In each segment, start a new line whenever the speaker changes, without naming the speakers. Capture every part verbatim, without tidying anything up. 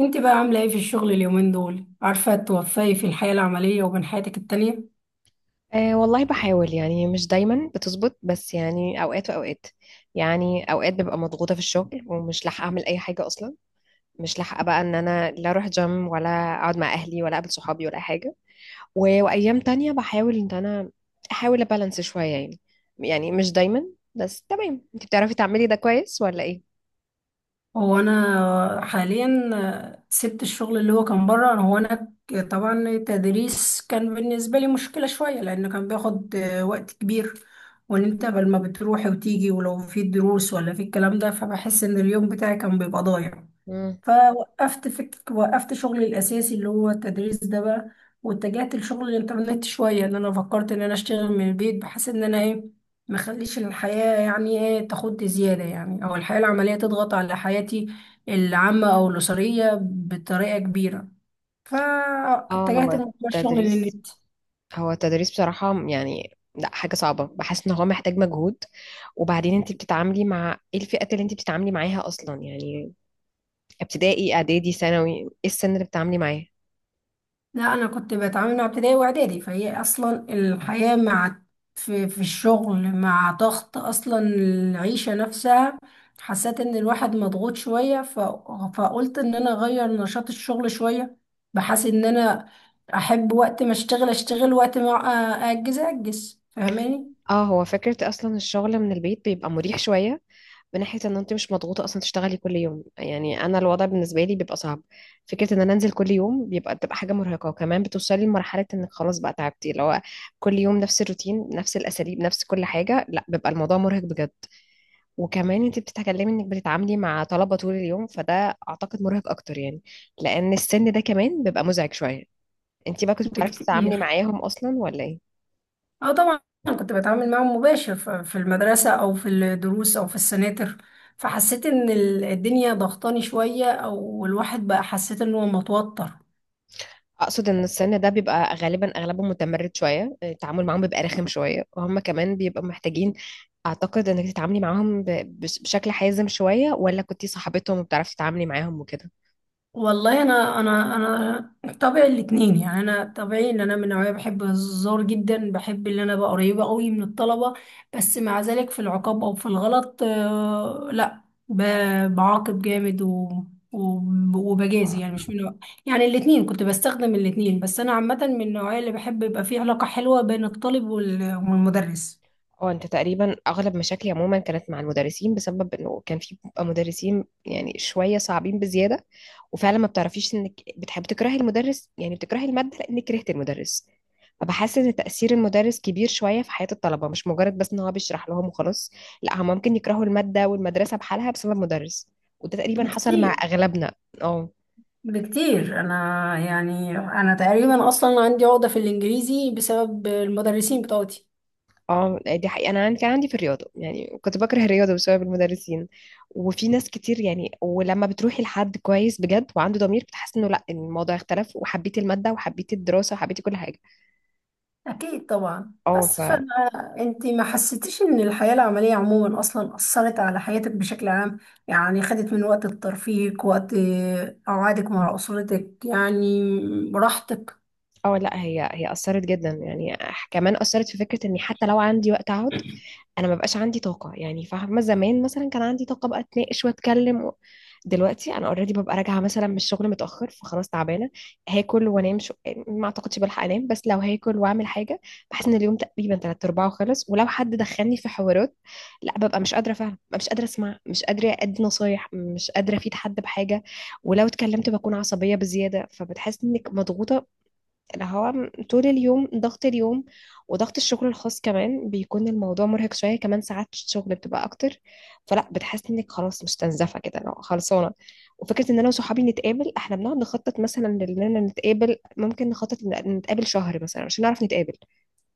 انت بقى عاملة ايه في الشغل اليومين دول؟ عارفة توفقي في الحياة العملية وبين حياتك التانية؟
أه والله بحاول يعني مش دايما بتظبط، بس يعني اوقات واوقات. يعني اوقات ببقى مضغوطه في الشغل ومش لاحقه اعمل اي حاجه اصلا. مش لاحقه بقى ان انا لا اروح جيم ولا اقعد مع اهلي ولا اقابل صحابي ولا أي حاجه. و... وايام تانية بحاول ان انا احاول ابالانس شويه يعني. يعني مش دايما. بس تمام، انت بتعرفي تعملي ده كويس ولا ايه؟
هو انا حاليا، آه، سبت الشغل اللي هو كان بره. هو انا ك- طبعا التدريس كان بالنسبة لي مشكلة شوية لانه كان بياخد آه، وقت كبير، وان انت بل ما بتروحي وتيجي ولو في دروس ولا في الكلام ده فبحس ان اليوم بتاعي كان بيبقى ضايع.
مم.
فوقفت فك... وقفت شغلي الأساسي اللي هو التدريس ده بقى، واتجهت لشغل الإنترنت شوية، إن أنا فكرت إن أنا أشتغل من البيت بحيث إن أنا إيه مخليش الحياة يعني إيه تاخد زيادة، يعني أو الحياة العملية تضغط على حياتي العامة أو الأسرية بطريقة كبيرة.
اه، هو
فاتجهت لموضوع الشغل
التدريس،
للنت.
هو التدريس بصراحة يعني لا حاجة صعبة، بحس ان هو محتاج مجهود. وبعدين انت بتتعاملي مع ايه؟ الفئات اللي انت بتتعاملي معاها اصلا يعني، ابتدائي اعدادي ثانوي، ايه السن اللي بتتعاملي معاه؟
لا، انا كنت بتعامل مع ابتدائي واعدادي، فهي اصلا الحياه مع في, في الشغل مع ضغط اصلا العيشه نفسها. حسيت ان الواحد مضغوط شويه، ف... فقلت ان انا اغير نشاط الشغل شويه، بحيث ان انا احب وقت ما اشتغل اشتغل، وقت ما أ- اجز اجز فاهماني؟
اه، هو فكرة اصلا الشغل من البيت بيبقى مريح شوية، من ناحية ان انت مش مضغوطة اصلا تشتغلي كل يوم. يعني انا الوضع بالنسبة لي بيبقى صعب. فكرة ان انا انزل كل يوم بيبقى بتبقى حاجة مرهقة، وكمان بتوصلي لمرحلة انك خلاص بقى تعبتي. لو كل يوم نفس الروتين، نفس الاساليب، نفس كل حاجة، لا بيبقى الموضوع مرهق بجد. وكمان انت بتتكلمي انك بتتعاملي مع طلبة طول اليوم، فده اعتقد مرهق اكتر يعني، لان السن ده كمان بيبقى مزعج شوية. انت بقى كنت بتعرفي تتعاملي
بكتير.
معاهم اصلا ولا ايه؟
اه طبعا، كنت بتعامل معاهم مباشر ف- في المدرسة أو في الدروس أو في السناتر، فحسيت إن ال- الدنيا ضغطاني شوية، أو الواحد بقى حسيت إن هو متوتر.
اقصد ان السن ده بيبقى غالبا اغلبهم متمرد شوية، التعامل معاهم بيبقى رخم شوية، وهم كمان بيبقوا محتاجين، اعتقد انك تتعاملي معاهم ب- بش- بشكل حازم شوية، ولا كنتي صاحبتهم وبتعرفي تتعاملي معاهم وكده؟
والله انا انا انا طبعي الاتنين، يعني انا طبيعي ان انا من نوعيه بحب الهزار جدا، بحب ان انا ابقى قريبه قوي من الطلبه. بس مع ذلك في العقاب او في الغلط، آه، لا، ب- بعاقب جامد و وب- وبجازي، يعني مش من نوع- يعني الاتنين، كنت بستخدم الاتنين. بس انا عامه من النوعيه اللي بحب يبقى فيه علاقه حلوه بين الطالب وال- والمدرس.
اه، انت تقريبا اغلب مشاكلي عموما كانت مع المدرسين، بسبب انه كان في بيبقى مدرسين يعني شويه صعبين بزياده. وفعلا ما بتعرفيش، انك بتحب تكرهي المدرس يعني بتكرهي الماده لانك كرهت المدرس. فبحس ان تاثير المدرس كبير شويه في حياه الطلبه، مش مجرد بس ان هو بيشرح لهم وخلاص. لا، هم ممكن يكرهوا الماده والمدرسه بحالها بسبب مدرس. وده تقريبا حصل مع
بكتير،
اغلبنا. اه.
بكتير. انا يعني انا تقريبا اصلا عندي عقدة في الانجليزي بسبب المدرسين بتوعي.
اه، دي حقيقة، انا عندي كان عندي في الرياضة، يعني كنت بكره الرياضة بسبب المدرسين. وفي ناس كتير يعني، ولما بتروحي لحد كويس بجد وعنده ضمير، بتحس انه لا الموضوع اختلف، وحبيتي المادة وحبيتي الدراسة وحبيتي كل حاجة.
أكيد طبعا،
اه. ف
بس فأنا، أنت ما حسيتيش إن الحياة العملية عموما أصلا أثرت على حياتك بشكل عام؟ يعني خدت من وقت ترفيهك، وقت آه، قعدك مع أسرتك، يعني راحتك.
اه، لا، هي هي اثرت جدا يعني. كمان اثرت في فكرة اني حتى لو عندي وقت اقعد، انا ما بقاش عندي طاقه يعني. فاهمه؟ زمان مثلا كان عندي طاقه بقى اتناقش واتكلم و... دلوقتي انا اوريدي ببقى راجعه مثلا من الشغل متاخر، فخلاص تعبانه. هاكل وانام شو... ما اعتقدش بلحق انام، بس لو هاكل واعمل حاجه بحس ان اليوم تقريبا تلات ارباعه خلص. ولو حد دخلني في حوارات، لا ببقى مش قادره، فعلا مش قادره اسمع، مش قادره ادي نصايح، مش قادره افيد حد بحاجه. ولو اتكلمت بكون عصبيه بزياده، فبتحس انك مضغوطه، اللي هو طول اليوم ضغط اليوم. وضغط الشغل الخاص كمان، بيكون الموضوع مرهق شوية. كمان ساعات الشغل بتبقى أكتر، فلا بتحس إنك خلاص مش تنزفة كده لو خلصانة. وفكرة إن أنا وصحابي نتقابل، إحنا بنقعد نخطط مثلا إننا نتقابل، ممكن نخطط إن نتقابل شهر مثلا عشان نعرف نتقابل،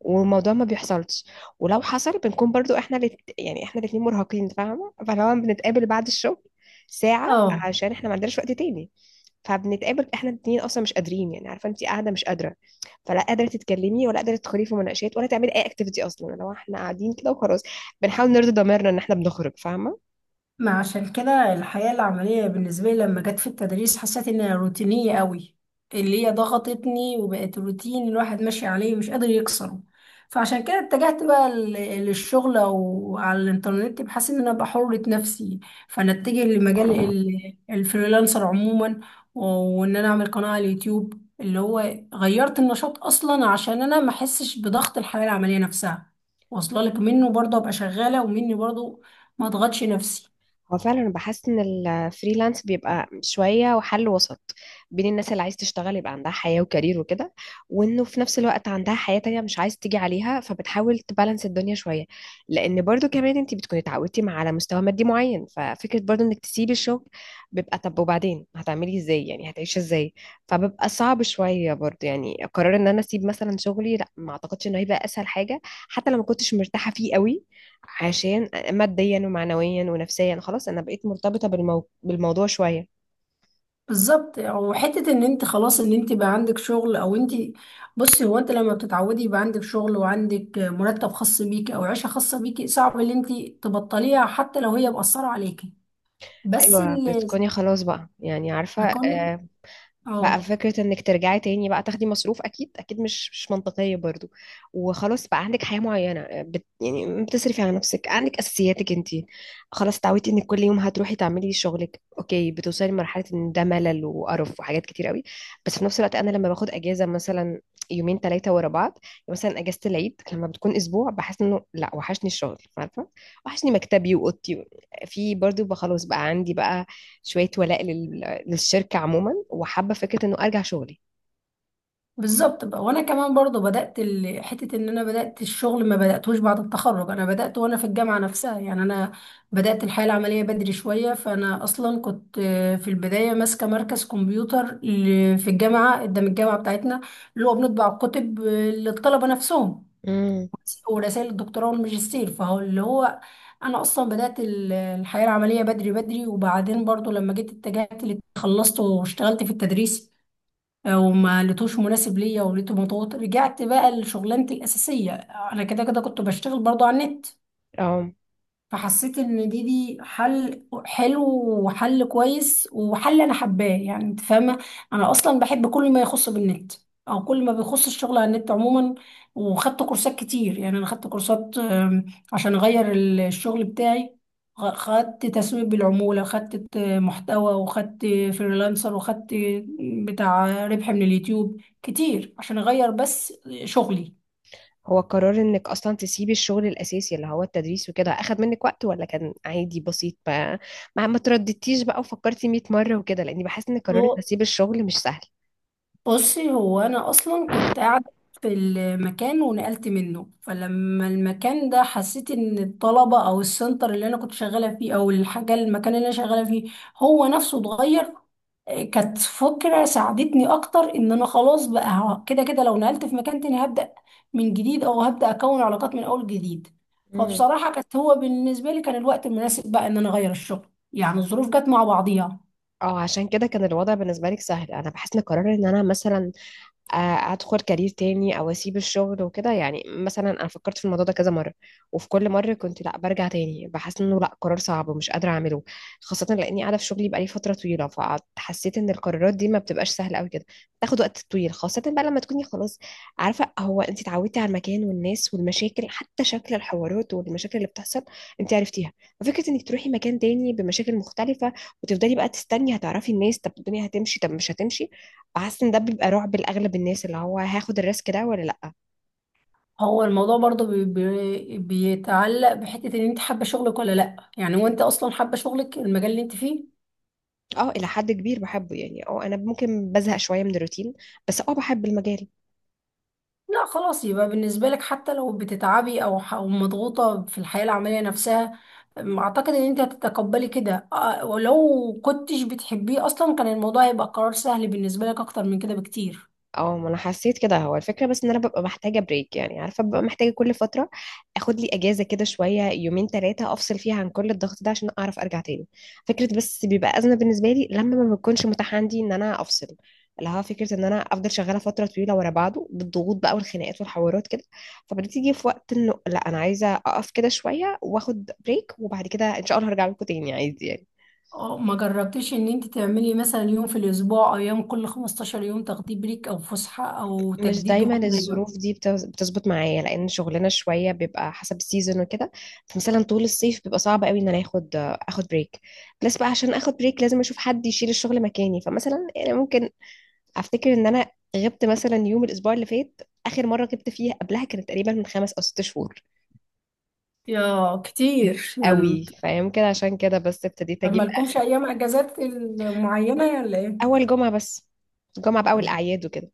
والموضوع ما بيحصلش. ولو حصل بنكون برضو احنا الات... يعني احنا الاتنين مرهقين. فاهمة؟ فلو بنتقابل بعد الشغل ساعة
اه.
عشان احنا ما عندناش وقت تاني، فبنتقابل احنا الاتنين اصلا مش قادرين. يعني عارفة انت قاعدة مش قادرة، فلا قادرة تتكلمي ولا قادرة تدخلي في مناقشات ولا تعملي اي اكتيفيتي اصلا. لو احنا قاعدين كده وخلاص، بنحاول نرضي ضميرنا ان احنا بنخرج. فاهمة؟
ما عشان كده الحياة العملية بالنسبة لي لما جت في التدريس حسيت انها روتينية قوي، اللي هي ضغطتني وبقت روتين الواحد ماشي عليه مش قادر يكسره. فعشان كده اتجهت بقى ل- للشغل او على الانترنت بحيث ان انا ابقى حرة نفسي. فانا اتجه لمجال ال- الفريلانسر عموما، و- وان انا اعمل قناة على اليوتيوب، اللي هو غيرت النشاط اصلا عشان انا ما احسش بضغط الحياة العملية نفسها، واصله لك منه برضه ابقى شغالة، ومني برضه ما اضغطش نفسي.
هو فعلا انا بحس ان الفريلانس بيبقى شويه وحل وسط بين الناس اللي عايز تشتغل يبقى عندها حياه وكارير وكده، وانه في نفس الوقت عندها حياه تانية مش عايز تيجي عليها، فبتحاول تبالانس الدنيا شويه. لان برضو كمان انت بتكوني اتعودتي مع على مستوى مادي معين، ففكره برضو انك تسيبي الشغل بيبقى طب وبعدين هتعملي ازاي؟ يعني هتعيشي ازاي؟ فبيبقى صعب شويه برضو يعني، قرار ان انا اسيب مثلا شغلي، لا ما اعتقدش انه هيبقى اسهل حاجه حتى لو ما كنتش مرتاحه فيه قوي، عشان ماديا ومعنويا ونفسيا خلاص انا بقيت مرتبطة بالمو... بالموضوع شوية.
بالظبط. وحته ان انت خلاص ان انت بقى عندك شغل، او انت، بصي، هو انت لما بتتعودي يبقى عندك شغل وعندك مرتب خاص بيكي او عيشه خاصه بيكي، صعب ان انت تبطليها حتى لو هي مأثره عليكي. بس
ايوه،
اللي،
بتكوني خلاص بقى يعني عارفة،
كونك،
آه، بقى
اه،
فكرة انك ترجعي تاني بقى تاخدي مصروف اكيد اكيد مش مش منطقية برضو. وخلاص بقى عندك حياة معينة، آه، بت يعني بتصرفي على نفسك، عندك اساسياتك انتي، خلاص تعودتي انك كل يوم هتروحي تعملي شغلك اوكي. بتوصلي لمرحلة ان ده ملل وقرف وحاجات كتير قوي. بس في نفس الوقت انا لما باخد اجازة مثلا، يومين ثلاثة ورا بعض، مثلا اجازة العيد لما بتكون اسبوع، بحس انه لا وحشني الشغل. عارفة؟ وحشني مكتبي واوضتي. في برضو بقى خلاص بقى عندي بقى شوية ولاء لل... للشركة عموما، وحابة فكرة انه ارجع شغلي.
بالظبط بقى. وانا كمان برضو بدات ال- حته ان انا بدات الشغل، ما بداتهوش بعد التخرج، انا بدات وانا في الجامعه نفسها، يعني انا بدات الحياه العمليه بدري شويه. فانا اصلا كنت آه، في البدايه ماسكه مركز كمبيوتر ل- في الجامعه قدام الجامعه بتاعتنا، اللي هو بنطبع الكتب آه، للطلبه نفسهم
امم.
ورسائل الدكتوراه والماجستير. فهو اللي هو انا اصلا بدات ال- الحياه العمليه بدري بدري. وبعدين برضو لما جيت اتجهت لل- خلصت واشتغلت في التدريس، آه، وما لقيتوش مناسب ليا، ولقيته مضغوط، رجعت بقى لشغلانتي الاساسيه. انا كده كده كنت بشتغل برضو على النت،
اه،
فحسيت ان دي دي حل حلو، وحل كويس، وحل انا حباه، يعني انت فاهمه. انا اصلا بحب كل ما يخص بالنت، او كل ما بيخص الشغل على النت عموما. وخدت كورسات كتير، يعني انا خدت كورسات آم، عشان اغير ال- الشغل بتاعي. غ- خدت تسويق بالعموله، خدت آه، محتوى، وخدت فريلانسر، وخدت آه، بتاع ربح من اليوتيوب كتير، عشان اغير بس شغلي.
هو قرار انك اصلا تسيبي الشغل الاساسي اللي هو التدريس وكده اخد منك وقت ولا كان عادي بسيط؟ ما ما, ما ترددتيش بقى وفكرتي مئة مرة وكده، لاني بحس ان قرار ان اسيب الشغل مش سهل.
بصي، هو انا اصلا كنت قاعده في المكان ونقلت منه. فلما المكان ده حسيت ان الطلبه، او السنتر اللي انا كنت شغاله فيه، او الحاجه المكان اللي انا شغاله فيه هو نفسه اتغير، آه، كانت فكره ساعدتني اكتر ان انا خلاص بقى ه- كده كده لو نقلت في مكان تاني هبدا من جديد، او هبدا اكون علاقات من اول جديد.
امم.
فبصراحه كانت، هو بالنسبه لي كان الوقت المناسب بقى ان انا اغير الشغل، يعني الظروف جت مع بعضيها.
اه، عشان كده كان الوضع بالنسبة لك سهل. انا بحس ان قرار ان انا مثلا آه، ادخل كارير تاني او اسيب الشغل وكده، يعني مثلا انا فكرت في الموضوع ده كذا مره، وفي كل مره كنت لا برجع تاني بحس انه لا قرار صعب ومش قادره اعمله، خاصه لاني قاعده في شغلي بقالي فتره طويله. فحسيت ان القرارات دي ما بتبقاش سهله قوي كده، بتاخد وقت طويل، خاصه بقى لما تكوني خلاص عارفه. هو انت اتعودتي على المكان والناس والمشاكل، حتى شكل الحوارات والمشاكل اللي بتحصل انت عرفتيها، ففكره انك تروحي مكان تاني بمشاكل مختلفه، وتفضلي بقى تستني هتعرفي الناس، طب الدنيا هتمشي طب مش هتمشي. فحاسه ان ده بيبقى رعب لاغلب الناس، اللي هو هاخد الريسك ده ولا لا.
هو الموضوع برضو بي بي بيتعلق بحتة ان انت حابة شغلك ولا لا، يعني وانت اصلا حابة شغلك، المجال اللي انت فيه؟
اه، الى حد كبير بحبه يعني. اه انا ممكن بزهق شويه من الروتين، بس اه بحب المجال.
لا خلاص، يبقى بالنسبة لك حتى لو بتتعبي او ح- أو مضغوطة في الحياة العملية نفسها، أم، اعتقد ان انت هتتقبلي كده. آه، ولو كنتش بتحبيه اصلا كان الموضوع هيبقى قرار سهل بالنسبة لك اكتر من كده بكتير.
اه، ما انا حسيت كده، هو الفكره بس ان انا ببقى محتاجه بريك يعني، عارفه ببقى محتاجه كل فتره اخد لي اجازه كده شويه، يومين ثلاثه افصل فيها عن كل الضغط ده عشان اعرف ارجع تاني. فكره بس بيبقى ازمه بالنسبه لي لما ما بيكونش متاح عندي ان انا افصل، اللي هو فكره ان انا افضل شغاله فتره طويله ورا بعضه بالضغوط بقى والخناقات والحوارات كده، فبتيجي في وقت انه لا انا عايزه اقف كده شويه واخد بريك، وبعد كده ان شاء الله هرجع لكم تاني عادي يعني.
اه، ما جربتيش ان انت تعملي مثلا يوم في الاسبوع، او يوم كل خمستاشر يوم تاخدي بريك او فسحة او
مش
تجديد
دايما
روح، زي ما-
الظروف دي بتز- بتظبط معايا، لان شغلنا شويه بيبقى حسب السيزون وكده، فمثلا طول الصيف بيبقى صعب قوي ان انا اخد اخد بريك. بس بقى عشان اخد بريك لازم اشوف حد يشيل الشغل مكاني، فمثلا يعني ممكن افتكر ان انا غبت مثلا يوم الاسبوع اللي فات. اخر مره غبت فيها قبلها كانت تقريبا من خمس او ست شهور.
يا كتير يعني.
قوي، فيمكن عشان كده بس ابتديت
طب
اجيب
مالكمش
اخر.
ايام اجازات معينه ولا ايه؟
اول جمعه بس، جمعه باول
طب
الاعياد وكده.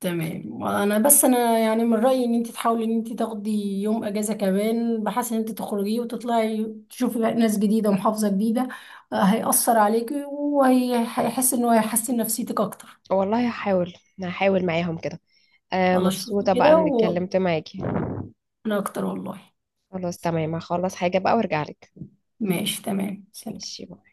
تمام. انا بس، انا يعني من رايي ان انت تحاولي ان انت تاخدي يوم اجازه كمان، بحيث ان انت تخرجي وتطلعي تشوفي بقى ناس جديده ومحافظه جديده، آه، هيأثر عليكي وهيحس انه هيحسن نفسيتك اكتر.
والله هحاول هحاول معاهم كده. آه،
خلاص، شوفي
مبسوطه بقى
كده،
اني
وانا
اتكلمت معاكي.
اكتر والله.
خلاص تمام، هخلص حاجة بقى وارجع لك.
ماشي، تمام، سلام.
ماشي.